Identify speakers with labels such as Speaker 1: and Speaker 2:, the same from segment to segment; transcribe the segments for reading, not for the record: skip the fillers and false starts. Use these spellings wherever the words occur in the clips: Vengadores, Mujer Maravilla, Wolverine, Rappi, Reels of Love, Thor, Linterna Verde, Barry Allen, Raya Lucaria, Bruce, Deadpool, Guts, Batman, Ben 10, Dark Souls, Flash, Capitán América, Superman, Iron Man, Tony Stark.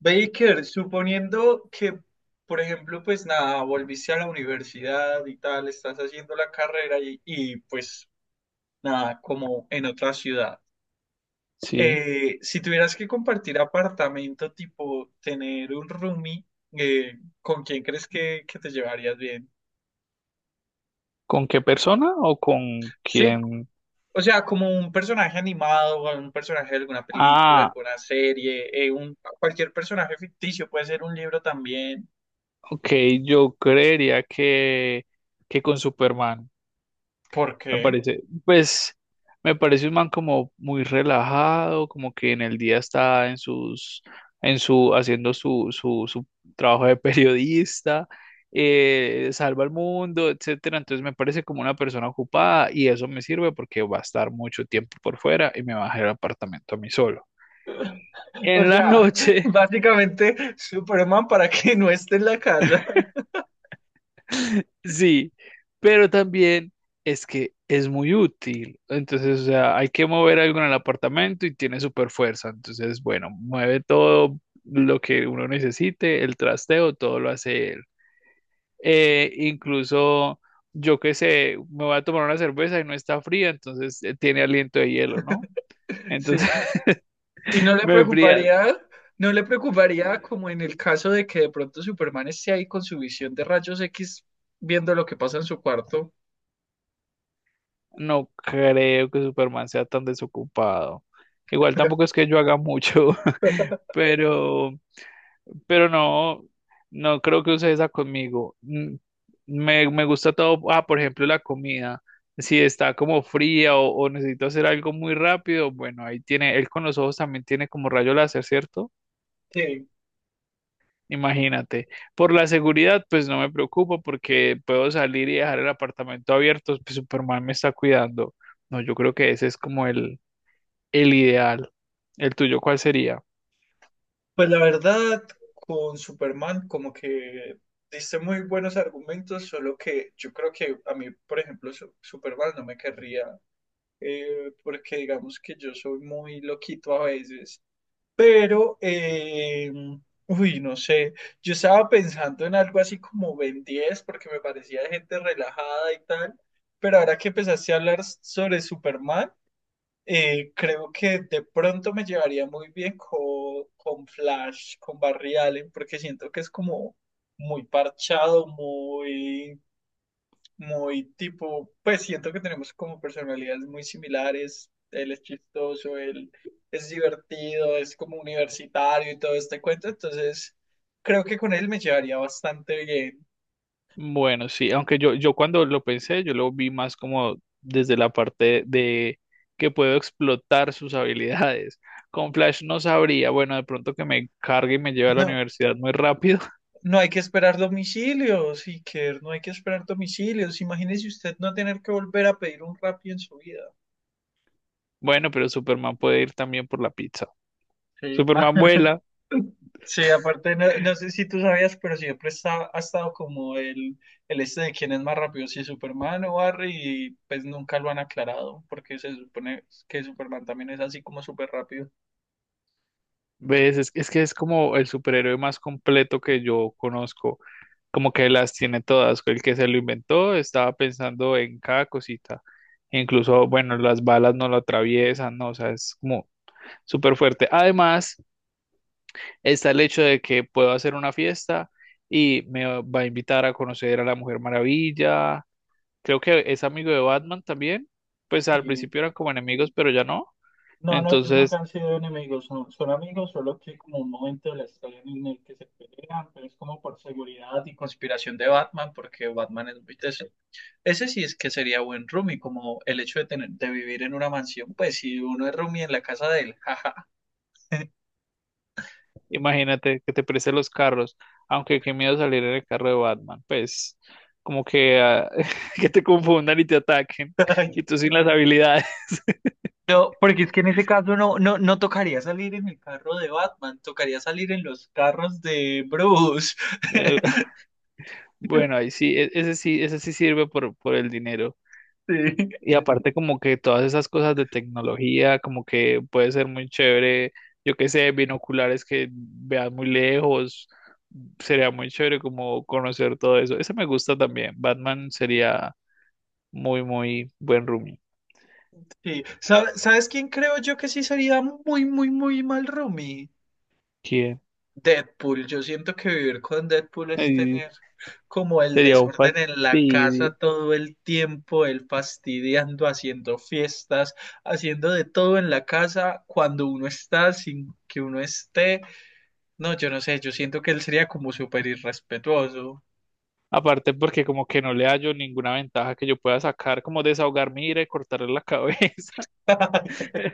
Speaker 1: Baker, suponiendo que, por ejemplo, pues nada, volviste a la universidad y tal, estás haciendo la carrera y pues nada, como en otra ciudad.
Speaker 2: Sí.
Speaker 1: Si tuvieras que compartir apartamento, tipo tener un roomie, ¿con quién crees que te llevarías bien?
Speaker 2: ¿Con qué persona o con
Speaker 1: Sí,
Speaker 2: quién?
Speaker 1: o sea, como un personaje animado, o un personaje de alguna película,
Speaker 2: Ah,
Speaker 1: alguna serie, un, cualquier personaje ficticio, puede ser un libro también.
Speaker 2: ok, yo creería que con Superman.
Speaker 1: ¿Por
Speaker 2: Me
Speaker 1: qué?
Speaker 2: parece, pues, me parece un man como muy relajado, como que en el día está en haciendo su trabajo de periodista, salva al mundo, etcétera. Entonces me parece como una persona ocupada y eso me sirve porque va a estar mucho tiempo por fuera y me va a dejar el apartamento a mí solo.
Speaker 1: O
Speaker 2: En la
Speaker 1: sea,
Speaker 2: noche.
Speaker 1: básicamente Superman para que no esté en la casa.
Speaker 2: Sí, pero también es que es muy útil. Entonces, o sea, hay que mover algo en el apartamento y tiene super fuerza. Entonces, bueno, mueve todo lo que uno necesite, el trasteo, todo lo hace él. Incluso, yo qué sé, me voy a tomar una cerveza y no está fría, entonces tiene aliento de hielo, ¿no?
Speaker 1: Sí.
Speaker 2: Entonces,
Speaker 1: Y no le
Speaker 2: me fría.
Speaker 1: preocuparía, no le preocuparía como en el caso de que de pronto Superman esté ahí con su visión de rayos X viendo lo que pasa en su cuarto.
Speaker 2: No creo que Superman sea tan desocupado. Igual tampoco es que yo haga mucho, pero... Pero no, no creo que use esa conmigo. Me gusta todo, ah, por ejemplo, la comida. Si está como fría o necesito hacer algo muy rápido, bueno, ahí tiene, él con los ojos también tiene como rayo láser, ¿cierto?
Speaker 1: Sí.
Speaker 2: Imagínate. Por la seguridad, pues no me preocupo porque puedo salir y dejar el apartamento abierto, pues Superman me está cuidando. No, yo creo que ese es como el ideal. ¿El tuyo cuál sería?
Speaker 1: Pues la verdad, con Superman como que diste muy buenos argumentos, solo que yo creo que a mí, por ejemplo, Superman no me querría, porque digamos que yo soy muy loquito a veces. Pero, uy, no sé, yo estaba pensando en algo así como Ben 10 porque me parecía de gente relajada y tal, pero ahora que empezaste a hablar sobre Superman, creo que de pronto me llevaría muy bien con Flash, con Barry Allen, porque siento que es como muy parchado, muy tipo, pues siento que tenemos como personalidades muy similares. Él es chistoso, él es divertido, es como universitario y todo este cuento. Entonces, creo que con él me llevaría bastante bien.
Speaker 2: Bueno, sí, aunque yo cuando lo pensé, yo lo vi más como desde la parte de que puedo explotar sus habilidades. Con Flash no sabría, bueno, de pronto que me cargue y me lleve a la
Speaker 1: No,
Speaker 2: universidad muy rápido.
Speaker 1: no hay que esperar domicilios, Iker, no hay que esperar domicilios. Imagínese usted no tener que volver a pedir un Rappi en su vida.
Speaker 2: Bueno, pero Superman puede ir también por la pizza.
Speaker 1: Sí,
Speaker 2: Superman vuela.
Speaker 1: sí, aparte, no, no sé si tú sabías, pero siempre ha estado como el este de quién es más rápido, si Superman o Barry, y pues nunca lo han aclarado, porque se supone que Superman también es así como súper rápido.
Speaker 2: ¿Ves? Es que es como el superhéroe más completo que yo conozco, como que las tiene todas, el que se lo inventó estaba pensando en cada cosita, incluso, bueno, las balas no lo atraviesan, ¿no? O sea, es como súper fuerte. Además, está el hecho de que puedo hacer una fiesta y me va a invitar a conocer a la Mujer Maravilla, creo que es amigo de Batman también, pues al
Speaker 1: Sí.
Speaker 2: principio eran como enemigos, pero ya no.
Speaker 1: No, no, ellos nunca
Speaker 2: Entonces,
Speaker 1: han sido enemigos, son amigos, solo que hay como un momento de la historia en el que se pelean, pero es como por seguridad y conspiración de Batman, porque Batman es muy teso. Ese sí es que sería buen roomie, como el hecho de tener, de vivir en una mansión, pues si uno es roomie en la casa de él, jaja.
Speaker 2: imagínate que te preste los carros, aunque qué miedo salir en el carro de Batman, pues como que, ah, que te confundan y te ataquen y tú sin las habilidades.
Speaker 1: No, porque es que en ese caso no tocaría salir en el carro de Batman, tocaría salir en los carros de Bruce.
Speaker 2: Eh, bueno, ahí sí, ese sí, ese sí sirve por el dinero.
Speaker 1: Sí,
Speaker 2: Y aparte como que todas esas cosas de tecnología, como que puede ser muy chévere, yo qué sé, binoculares que veas muy lejos, sería muy chévere como conocer todo eso. Ese me gusta también, Batman sería muy, muy buen roomie.
Speaker 1: sí. ¿Sabes quién creo yo que sí sería muy, muy, muy mal roomie?
Speaker 2: ¿Quién?
Speaker 1: Deadpool, yo siento que vivir con Deadpool es tener como el
Speaker 2: Sería un
Speaker 1: desorden en la casa
Speaker 2: fastidio.
Speaker 1: todo el tiempo, él fastidiando, haciendo fiestas, haciendo de todo en la casa cuando uno está, sin que uno esté. No, yo no sé, yo siento que él sería como súper irrespetuoso.
Speaker 2: Aparte porque como que no le hallo ninguna ventaja que yo pueda sacar, como desahogarme y ir a cortarle la cabeza.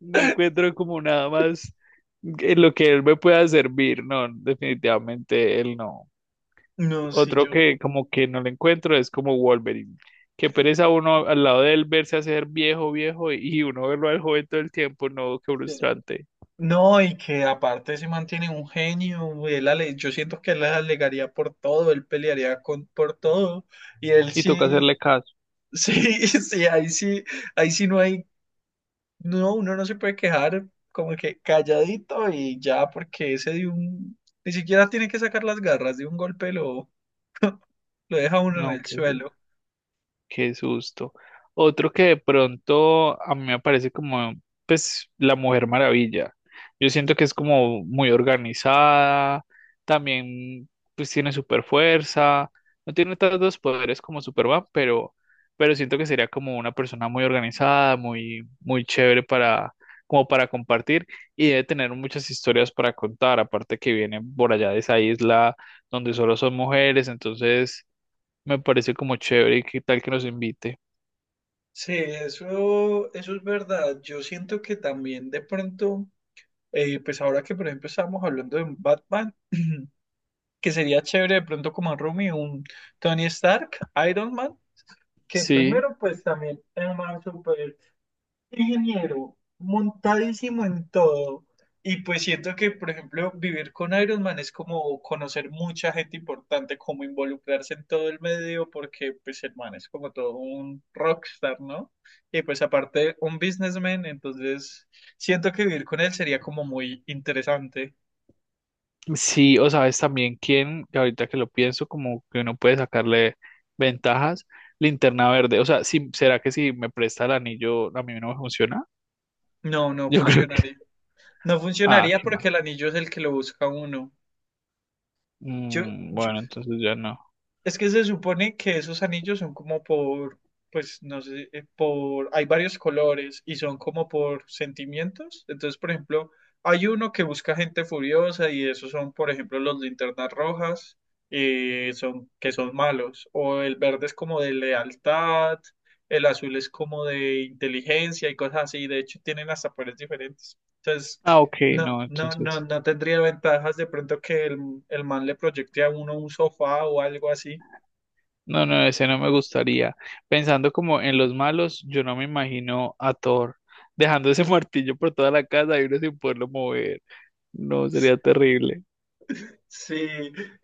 Speaker 2: No encuentro como nada más en lo que él me pueda servir. No, definitivamente él no.
Speaker 1: No, si
Speaker 2: Otro
Speaker 1: yo...
Speaker 2: que como que no le encuentro es como Wolverine. Que pereza uno al lado de él verse hacer viejo, viejo y uno verlo al joven todo el tiempo. No, qué
Speaker 1: eh,
Speaker 2: frustrante.
Speaker 1: No, y que aparte se mantiene un genio, yo siento que él alegaría por todo, él pelearía por todo, y él
Speaker 2: Y toca hacerle
Speaker 1: sí.
Speaker 2: caso.
Speaker 1: Sí, sí, ahí sí, ahí sí no hay, no, uno no se puede quejar como que calladito y ya, porque ese de un, ni siquiera tiene que sacar las garras, de un golpe lo deja uno en
Speaker 2: No,
Speaker 1: el
Speaker 2: qué...
Speaker 1: suelo.
Speaker 2: Qué susto. Otro que de pronto a mí me parece como, pues, la Mujer Maravilla. Yo siento que es como muy organizada, también, pues, tiene super fuerza, no tiene tantos poderes como Superman, pero siento que sería como una persona muy organizada, muy, muy chévere para, como para compartir y debe tener muchas historias para contar, aparte que viene por allá de esa isla donde solo son mujeres, entonces me parece como chévere y qué tal que nos invite.
Speaker 1: Sí, eso es verdad. Yo siento que también de pronto, pues ahora que por ejemplo estábamos hablando de un Batman, que sería chévere de pronto como un Rumi, un Tony Stark, Iron Man, que
Speaker 2: Sí,
Speaker 1: primero pues también es más ingeniero, montadísimo en todo. Y pues siento que, por ejemplo, vivir con Iron Man es como conocer mucha gente importante, como involucrarse en todo el medio, porque pues el man es como todo un rockstar, ¿no? Y pues aparte un businessman, entonces siento que vivir con él sería como muy interesante.
Speaker 2: sí, o sabes también quién, que ahorita que lo pienso, como que uno puede sacarle ventajas, linterna verde. O sea, si, ¿será que si me presta el anillo a mí no me funciona?
Speaker 1: No, no
Speaker 2: Yo creo que...
Speaker 1: funcionaría. No
Speaker 2: Ah,
Speaker 1: funcionaría
Speaker 2: qué mal.
Speaker 1: porque el anillo es el que lo busca uno. Yo,
Speaker 2: Mm, bueno, entonces ya no.
Speaker 1: es que se supone que esos anillos son como pues no sé, por, hay varios colores y son como por sentimientos. Entonces, por ejemplo, hay uno que busca gente furiosa y esos son, por ejemplo, los linternas rojas, son, que son malos. O el verde es como de lealtad, el azul es como de inteligencia y cosas así. De hecho, tienen hasta poderes diferentes. Entonces,
Speaker 2: Ah, ok, no, entonces...
Speaker 1: no tendría ventajas de pronto que el man le proyecte a uno un sofá o algo así.
Speaker 2: No, no, ese no me gustaría. Pensando como en los malos, yo no me imagino a Thor dejando ese martillo por toda la casa y uno sin poderlo mover. No, sería terrible.
Speaker 1: Sí,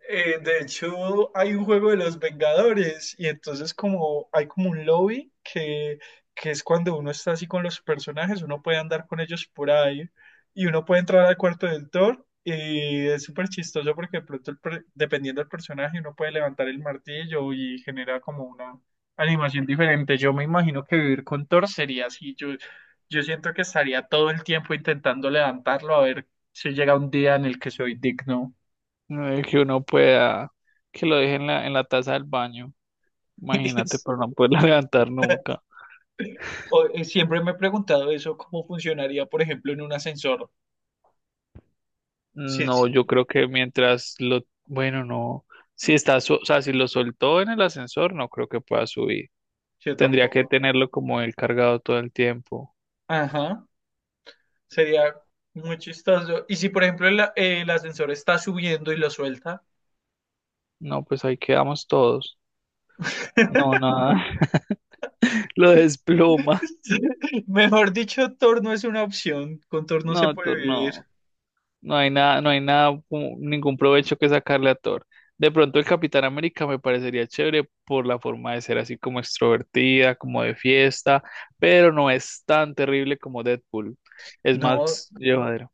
Speaker 1: de hecho hay un juego de los Vengadores y entonces como hay como un lobby que es cuando uno está así con los personajes, uno puede andar con ellos por ahí y uno puede entrar al cuarto del Thor y es súper chistoso porque de pronto el dependiendo del personaje uno puede levantar el martillo y genera como una animación diferente. Yo me imagino que vivir con Thor sería así, yo siento que estaría todo el tiempo intentando levantarlo a ver si llega un día en el que soy digno.
Speaker 2: No es que uno pueda, que lo deje en en la taza del baño, imagínate,
Speaker 1: Es-
Speaker 2: pero no poderla levantar nunca.
Speaker 1: Siempre me he preguntado eso, cómo funcionaría, por ejemplo, en un ascensor. Sí,
Speaker 2: No,
Speaker 1: sí,
Speaker 2: yo creo que mientras lo, bueno, no, si está, o sea, si lo soltó en el ascensor, no creo que pueda subir.
Speaker 1: yo
Speaker 2: Tendría que
Speaker 1: tampoco.
Speaker 2: tenerlo como él cargado todo el tiempo.
Speaker 1: Ajá, sería muy chistoso. Y si, por ejemplo, el ascensor está subiendo y lo suelta,
Speaker 2: No, pues ahí quedamos todos. No, nada, lo desploma.
Speaker 1: mejor dicho, torno es una opción. Con torno se
Speaker 2: No, tú
Speaker 1: puede vivir.
Speaker 2: no. No hay nada, no hay nada, como... ningún provecho que sacarle a Thor. De pronto el Capitán América me parecería chévere por la forma de ser así como extrovertida, como de fiesta, pero no es tan terrible como Deadpool. Es
Speaker 1: No,
Speaker 2: más llevadero.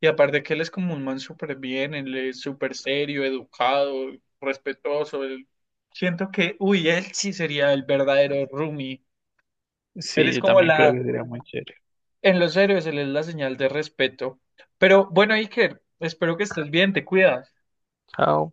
Speaker 1: y aparte que él es como un man súper bien, él es súper serio, educado, respetuoso. Siento que, uy, él sí sería el verdadero roomie. Él
Speaker 2: Sí,
Speaker 1: es
Speaker 2: yo
Speaker 1: como
Speaker 2: también creo
Speaker 1: la.
Speaker 2: que sería muy chévere.
Speaker 1: En los héroes se les da señal de respeto. Pero bueno, Iker, espero que estés bien, te cuidas.
Speaker 2: Chao.